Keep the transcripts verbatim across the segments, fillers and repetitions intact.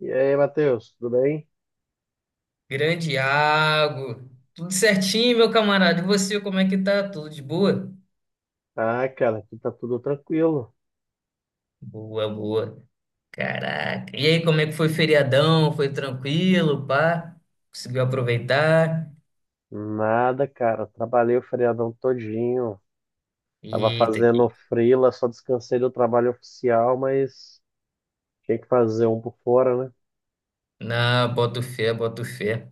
E aí, Matheus, tudo bem? Grande Iago. Tudo certinho, meu camarada? E você, como é que tá? Tudo de boa? Ah, cara, aqui tá tudo tranquilo. Boa, boa. Caraca. E aí, como é que foi o feriadão? Foi tranquilo, pá? Conseguiu aproveitar? Nada, cara. Trabalhei o feriadão todinho. Tava Eita, fazendo que... freela, só descansei do trabalho oficial, mas tinha que fazer um por fora, né? Não, boto fé, boto fé.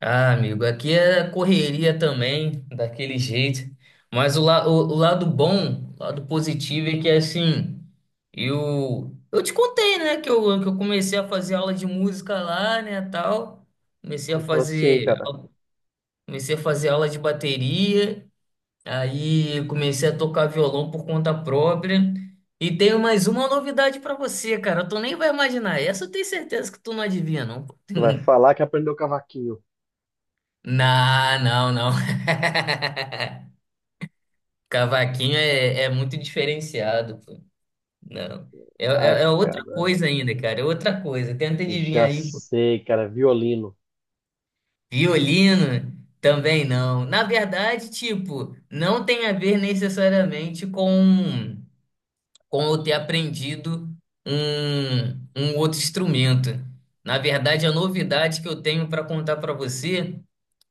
Ah, amigo, aqui é correria também, daquele jeito. Mas o, la- o, o lado bom, o lado positivo é que assim, eu, eu te contei, né, que eu, que eu comecei a fazer aula de música lá, né, tal. Comecei a Contou assim, fazer, cara. comecei a fazer aula de bateria, aí comecei a tocar violão por conta própria. E tenho mais uma novidade pra você, cara. Tu nem vai imaginar. Essa eu tenho certeza que tu não adivinha, não. Vai falar que aprendeu cavaquinho. Não, não, não. Cavaquinho é, é muito diferenciado, pô. Não. É, Ah, é, é outra cara, coisa ainda, cara. É outra coisa. Tenta adivinhar já aí, pô. sei, cara. Violino. Violino também não. Na verdade, tipo, não tem a ver necessariamente com, com eu ter aprendido um, um outro instrumento. Na verdade, a novidade que eu tenho para contar para você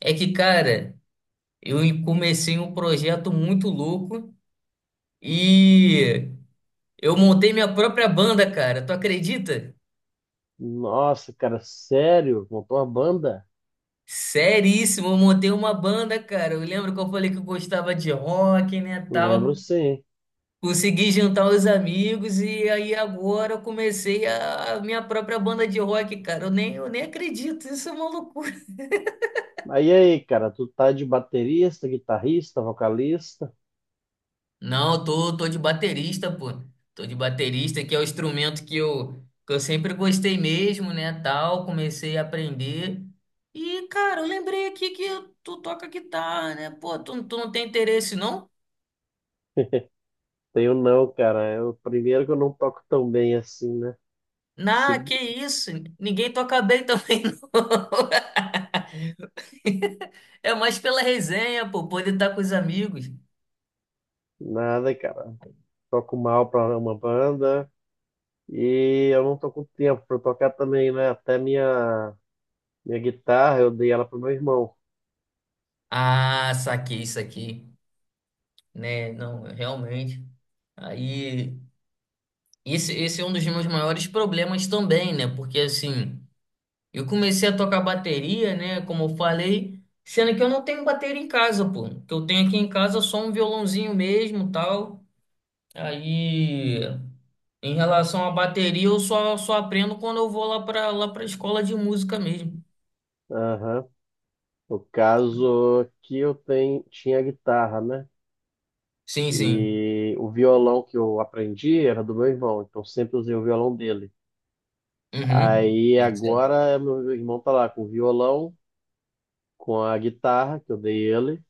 é que, cara, eu comecei um projeto muito louco. E eu montei minha própria banda, cara. Tu acredita? Nossa, cara, sério? Montou uma banda? Seríssimo, eu montei uma banda, cara. Eu lembro que eu falei que eu gostava de rock, né, tal. Lembro sim. Consegui juntar os amigos e aí agora eu comecei a a minha própria banda de rock, cara. Eu nem, eu nem acredito, isso é maluco. Aí, aí, cara, tu tá de baterista, guitarrista, vocalista? Não, eu tô, tô de baterista, pô. Tô de baterista, que é o instrumento que eu, que eu sempre gostei mesmo, né, tal. Comecei a aprender. E, cara, eu lembrei aqui que tu toca guitarra, né? Pô, tu, tu não tem interesse, não? Tenho não, cara. Eu, primeiro que eu não toco tão bem assim, né? Na, Se- que isso? Ninguém toca bem também, não. É mais pela resenha, pô, poder estar com os amigos. Nada, cara. Toco mal pra uma banda e eu não tô com tempo pra tocar também, né? Até minha, minha guitarra eu dei ela pro meu irmão. Ah, saquei isso aqui, né? Não, realmente. Aí. Esse, esse é um dos meus maiores problemas também, né? Porque assim, eu comecei a tocar bateria, né? Como eu falei, sendo que eu não tenho bateria em casa, pô. O que eu tenho aqui em casa é só um violãozinho mesmo, tal. Aí, em relação à bateria, eu só, só aprendo quando eu vou lá pra, lá pra escola de música mesmo. Aham. No caso aqui eu tenho, tinha a guitarra, né? Sim, sim. E o violão que eu aprendi era do meu irmão, então sempre usei o violão dele. Uhum. Aí agora meu irmão tá lá com o violão, com a guitarra que eu dei ele,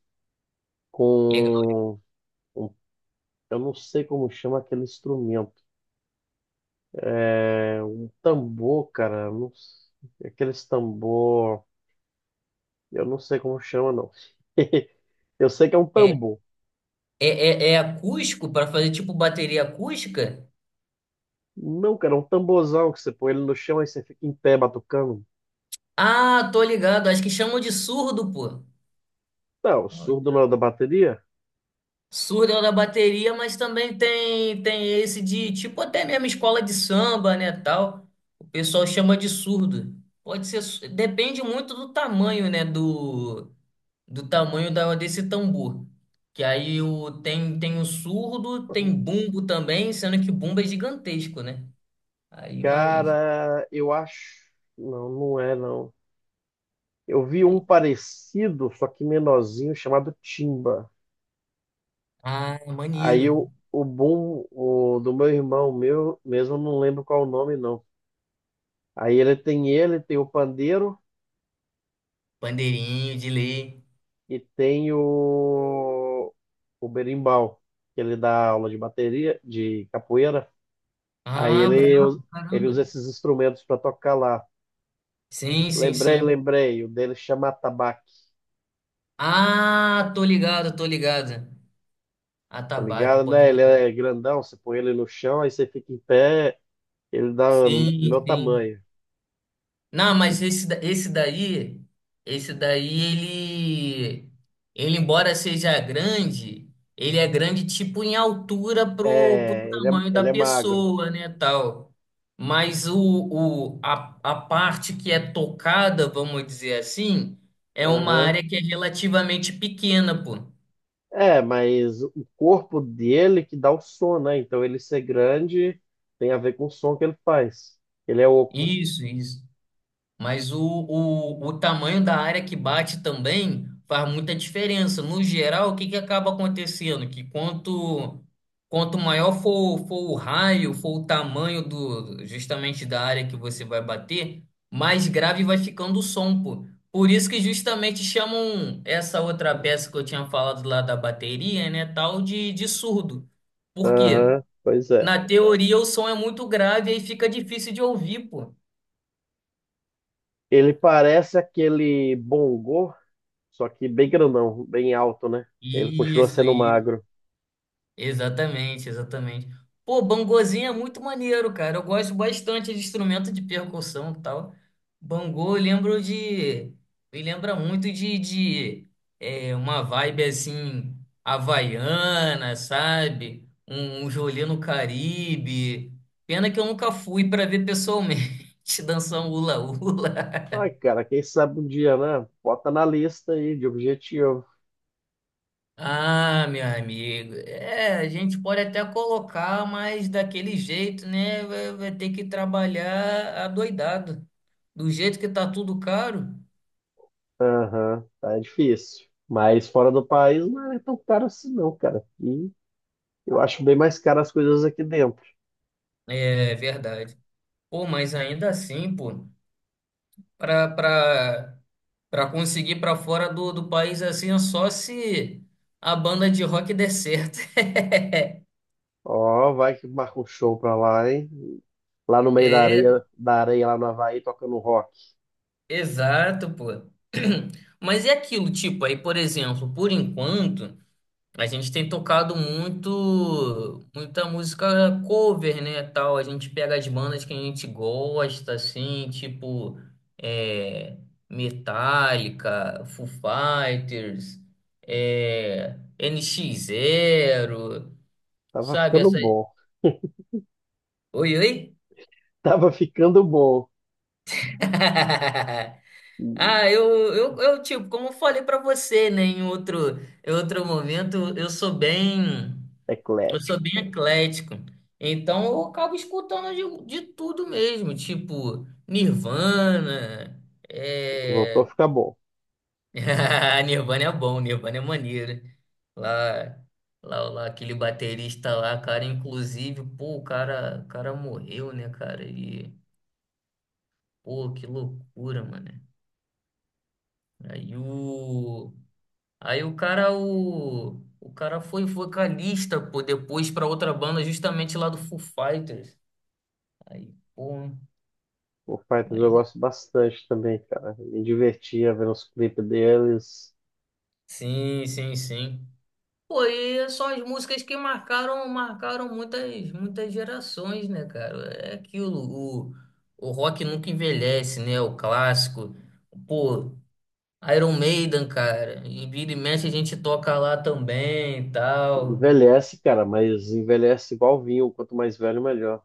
Legal. com eu não sei como chama aquele instrumento. É um tambor, cara. Eu Não... s- Aqueles tambor. Eu não sei como chama, não. Eu sei que é um É, tambor. é, é é acústico para fazer tipo bateria acústica? Não, cara, é um tamborzão que você põe ele no chão e você fica em pé batucando. Ah, tô ligado. Acho que chamam de surdo, pô. Não, o surdo não é da bateria? Surdo é o da bateria, mas também tem tem esse de tipo até mesmo escola de samba, né, tal. O pessoal chama de surdo. Pode ser, su- depende muito do tamanho, né, do do tamanho da desse tambor. Que aí o tem tem o surdo, tem bumbo também, sendo que bumbo é gigantesco, né? Aí, mas Cara, eu acho. Não, não é, não. Eu vi um aí, parecido, só que menorzinho, chamado timba. ah, é Aí maneiro. eu, o bom o, Do meu irmão, meu mesmo, eu não lembro qual o nome, não. Aí ele tem Ele tem o pandeiro Bandeirinho de lei. e tem o, o berimbau, que ele dá aula de bateria, de capoeira. Aí Ah, ele, us- brabo, Ele caramba. usa esses instrumentos para tocar lá. Sim, sim, Lembrei, sim. lembrei, o dele chama atabaque, Ah, tô ligado, tô ligado. tá Atabaque, ligado, pode né? Ele crer. é grandão, você põe ele no chão, aí você fica em pé, ele dá o Sim, meu sim. tamanho. Não, mas esse, da- esse daí, esse daí, ele, ele, embora seja grande, ele é grande tipo em altura pro, pro É, ele é, tamanho da ele é magro. pessoa, né, tal. Mas o, o, a, a parte que é tocada, vamos dizer assim, é uma Aham. área que é relativamente pequena, pô. É, mas o corpo dele que dá o som, né? Então ele ser grande tem a ver com o som que ele faz. Ele é oco. Isso, isso. Mas o, o, o tamanho da área que bate também faz muita diferença. No geral, o que que acaba acontecendo? Que quanto, quanto maior for, for o raio, for o tamanho do justamente da área que você vai bater, mais grave vai ficando o som, pô. Por isso que justamente chamam essa outra peça que eu tinha falado lá da bateria, né, tal de, de surdo. Por quê? Aham, pois é. Na teoria, o som é muito grave e aí fica difícil de ouvir, pô. Ele parece aquele bongô, só que bem grandão, bem alto, né? Ele continua Isso, sendo magro. exatamente, exatamente. Pô, bangozinho é muito maneiro, cara. Eu gosto bastante de instrumento de percussão e tal. Bangô, eu lembro de. Me lembra muito de, de é, uma vibe assim, havaiana, sabe? Um, um Jolê no Caribe. Pena que eu nunca fui para ver pessoalmente dançar um hula-hula. Ai, cara, quem sabe um dia, né? Bota na lista aí de objetivo. Ah, meu amigo, é, a gente pode até colocar, mas daquele jeito, né? Vai, vai ter que trabalhar adoidado. Do jeito que tá tudo caro, Aham, tá difícil. Mas fora do país não é tão caro assim, não, cara. E eu acho bem mais caro as coisas aqui dentro. é verdade. Pô, mas ainda assim, pô, pra, pra, pra conseguir pra fora do, do país assim, é só se a banda de rock der certo. Ó, vai que marca um show pra lá, hein? Lá no meio da É, areia, da areia lá no Havaí, tocando rock. exato, pô. Mas é aquilo, tipo, aí, por exemplo, por enquanto. A gente tem tocado muito, muita música cover, né, tal. A gente pega as bandas que a gente gosta, assim, tipo é, Metallica, Foo Fighters, é, N X Zero, Tava sabe? ficando Essa... bom. Oi, oi? Tava ficando bom. Hum, Ah, eu, eu, eu, tipo, como eu falei pra você, né, em outro, em outro momento, eu sou bem. Eu Eclético. sou bem eclético. Então eu acabo escutando de, de tudo mesmo, tipo Nirvana. Voltou a É... ficar bom. Nirvana é bom, Nirvana é maneiro. Lá, lá, lá, aquele baterista lá, cara, inclusive, pô, o cara, o cara morreu, né, cara? E, pô, que loucura, mano. Aí o. Aí o cara, o. O cara foi vocalista, pô, depois pra outra banda justamente lá do Foo Fighters. Aí, pô. O Fighters eu Mas gosto bastante também, cara. Me divertia vendo os clipes deles. sim, sim, sim. Pô, e são as músicas que marcaram, marcaram muitas, muitas gerações, né, cara? É aquilo, o, o rock nunca envelhece, né? O clássico. Pô, Iron Maiden, cara. E vira e mexe a gente toca lá também e tal. Envelhece, cara, mas envelhece igual vinho. Quanto mais velho, melhor.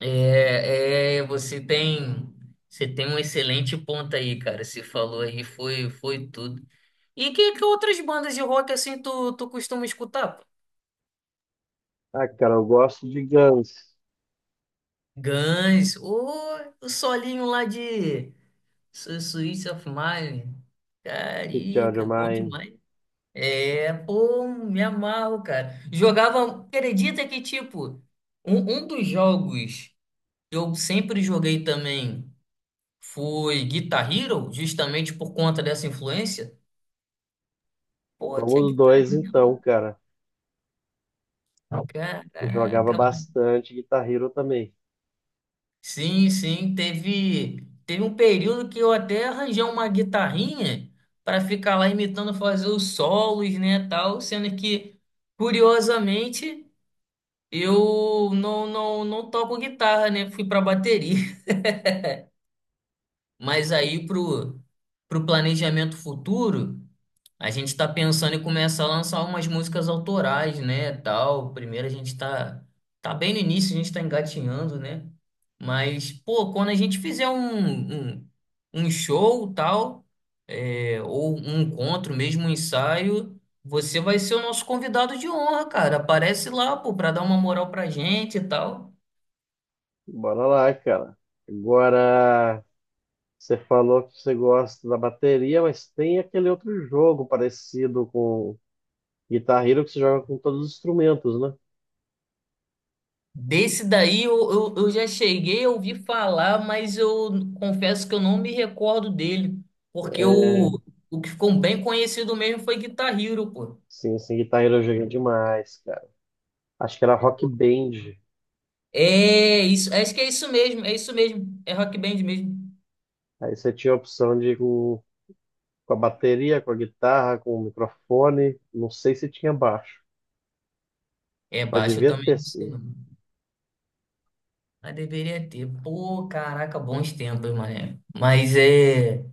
É, é, você tem, você tem um excelente ponto aí, cara. Você falou aí, foi, foi tudo. E que, que outras bandas de rock assim tu, tu costuma escutar? Ah, cara, eu gosto de Guns. Guns, ou o solinho lá de Su- Suicide of Mine. De Child of Carica, bom Mine. demais. É, pô, me amarro, cara. Jogava, acredita que, tipo, um, um dos jogos que eu sempre joguei também foi Guitar Hero, justamente por conta dessa influência. Pô, tinha Somos Guitar dois, então, Hero, cara. Eu jogava caraca, bastante Guitar Hero também. sim, sim, teve, teve um período que eu até arranjei uma guitarrinha para ficar lá imitando fazer os solos, né, tal, sendo que, curiosamente, eu não, não, não toco guitarra, né, fui para bateria. Mas aí pro, pro planejamento futuro, a gente tá pensando em começar a lançar umas músicas autorais, né, tal. Primeiro a gente tá tá bem no início, a gente tá engatinhando, né? Mas pô, quando a gente fizer um um, um show, tal, é, ou um encontro, mesmo um ensaio, você vai ser o nosso convidado de honra, cara. Aparece lá, pô, pra dar uma moral pra gente e tal. Bora lá, cara. Agora, você falou que você gosta da bateria, mas tem aquele outro jogo parecido com Guitar Hero que você joga com todos os instrumentos, né? Desse daí eu, eu, eu já cheguei a ouvir falar, mas eu confesso que eu não me recordo dele. Porque o, o que ficou bem conhecido mesmo foi Guitar Hero, pô. Sim, sim, Guitar Hero eu joguei demais, cara. Acho que era Rock Band. É isso, acho que é isso mesmo, é isso mesmo. É rock band mesmo. Aí você tinha a opção de ir com, com a bateria, com a guitarra, com o microfone. Não sei se tinha baixo, É mas baixo, eu devia também ter não sei sim. não. Mas deveria ter. Pô, caraca, bons tempos, mané. Mas é,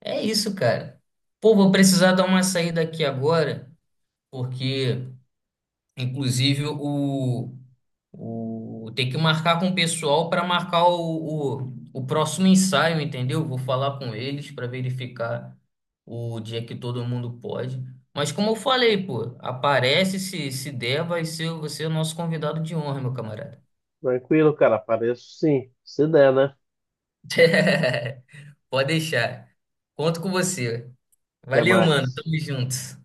é isso, cara. Pô, vou precisar dar uma saída aqui agora, porque inclusive, o, o tem que marcar com o pessoal para marcar o, o, o próximo ensaio, entendeu? Vou falar com eles para verificar o dia que todo mundo pode. Mas como eu falei, pô, aparece se, se der, vai ser você é o nosso convidado de honra, meu camarada. Tranquilo, cara. Apareço sim. Se der, né? Pode deixar. Conto com você. Até Valeu, mano. mais. Tamo junto.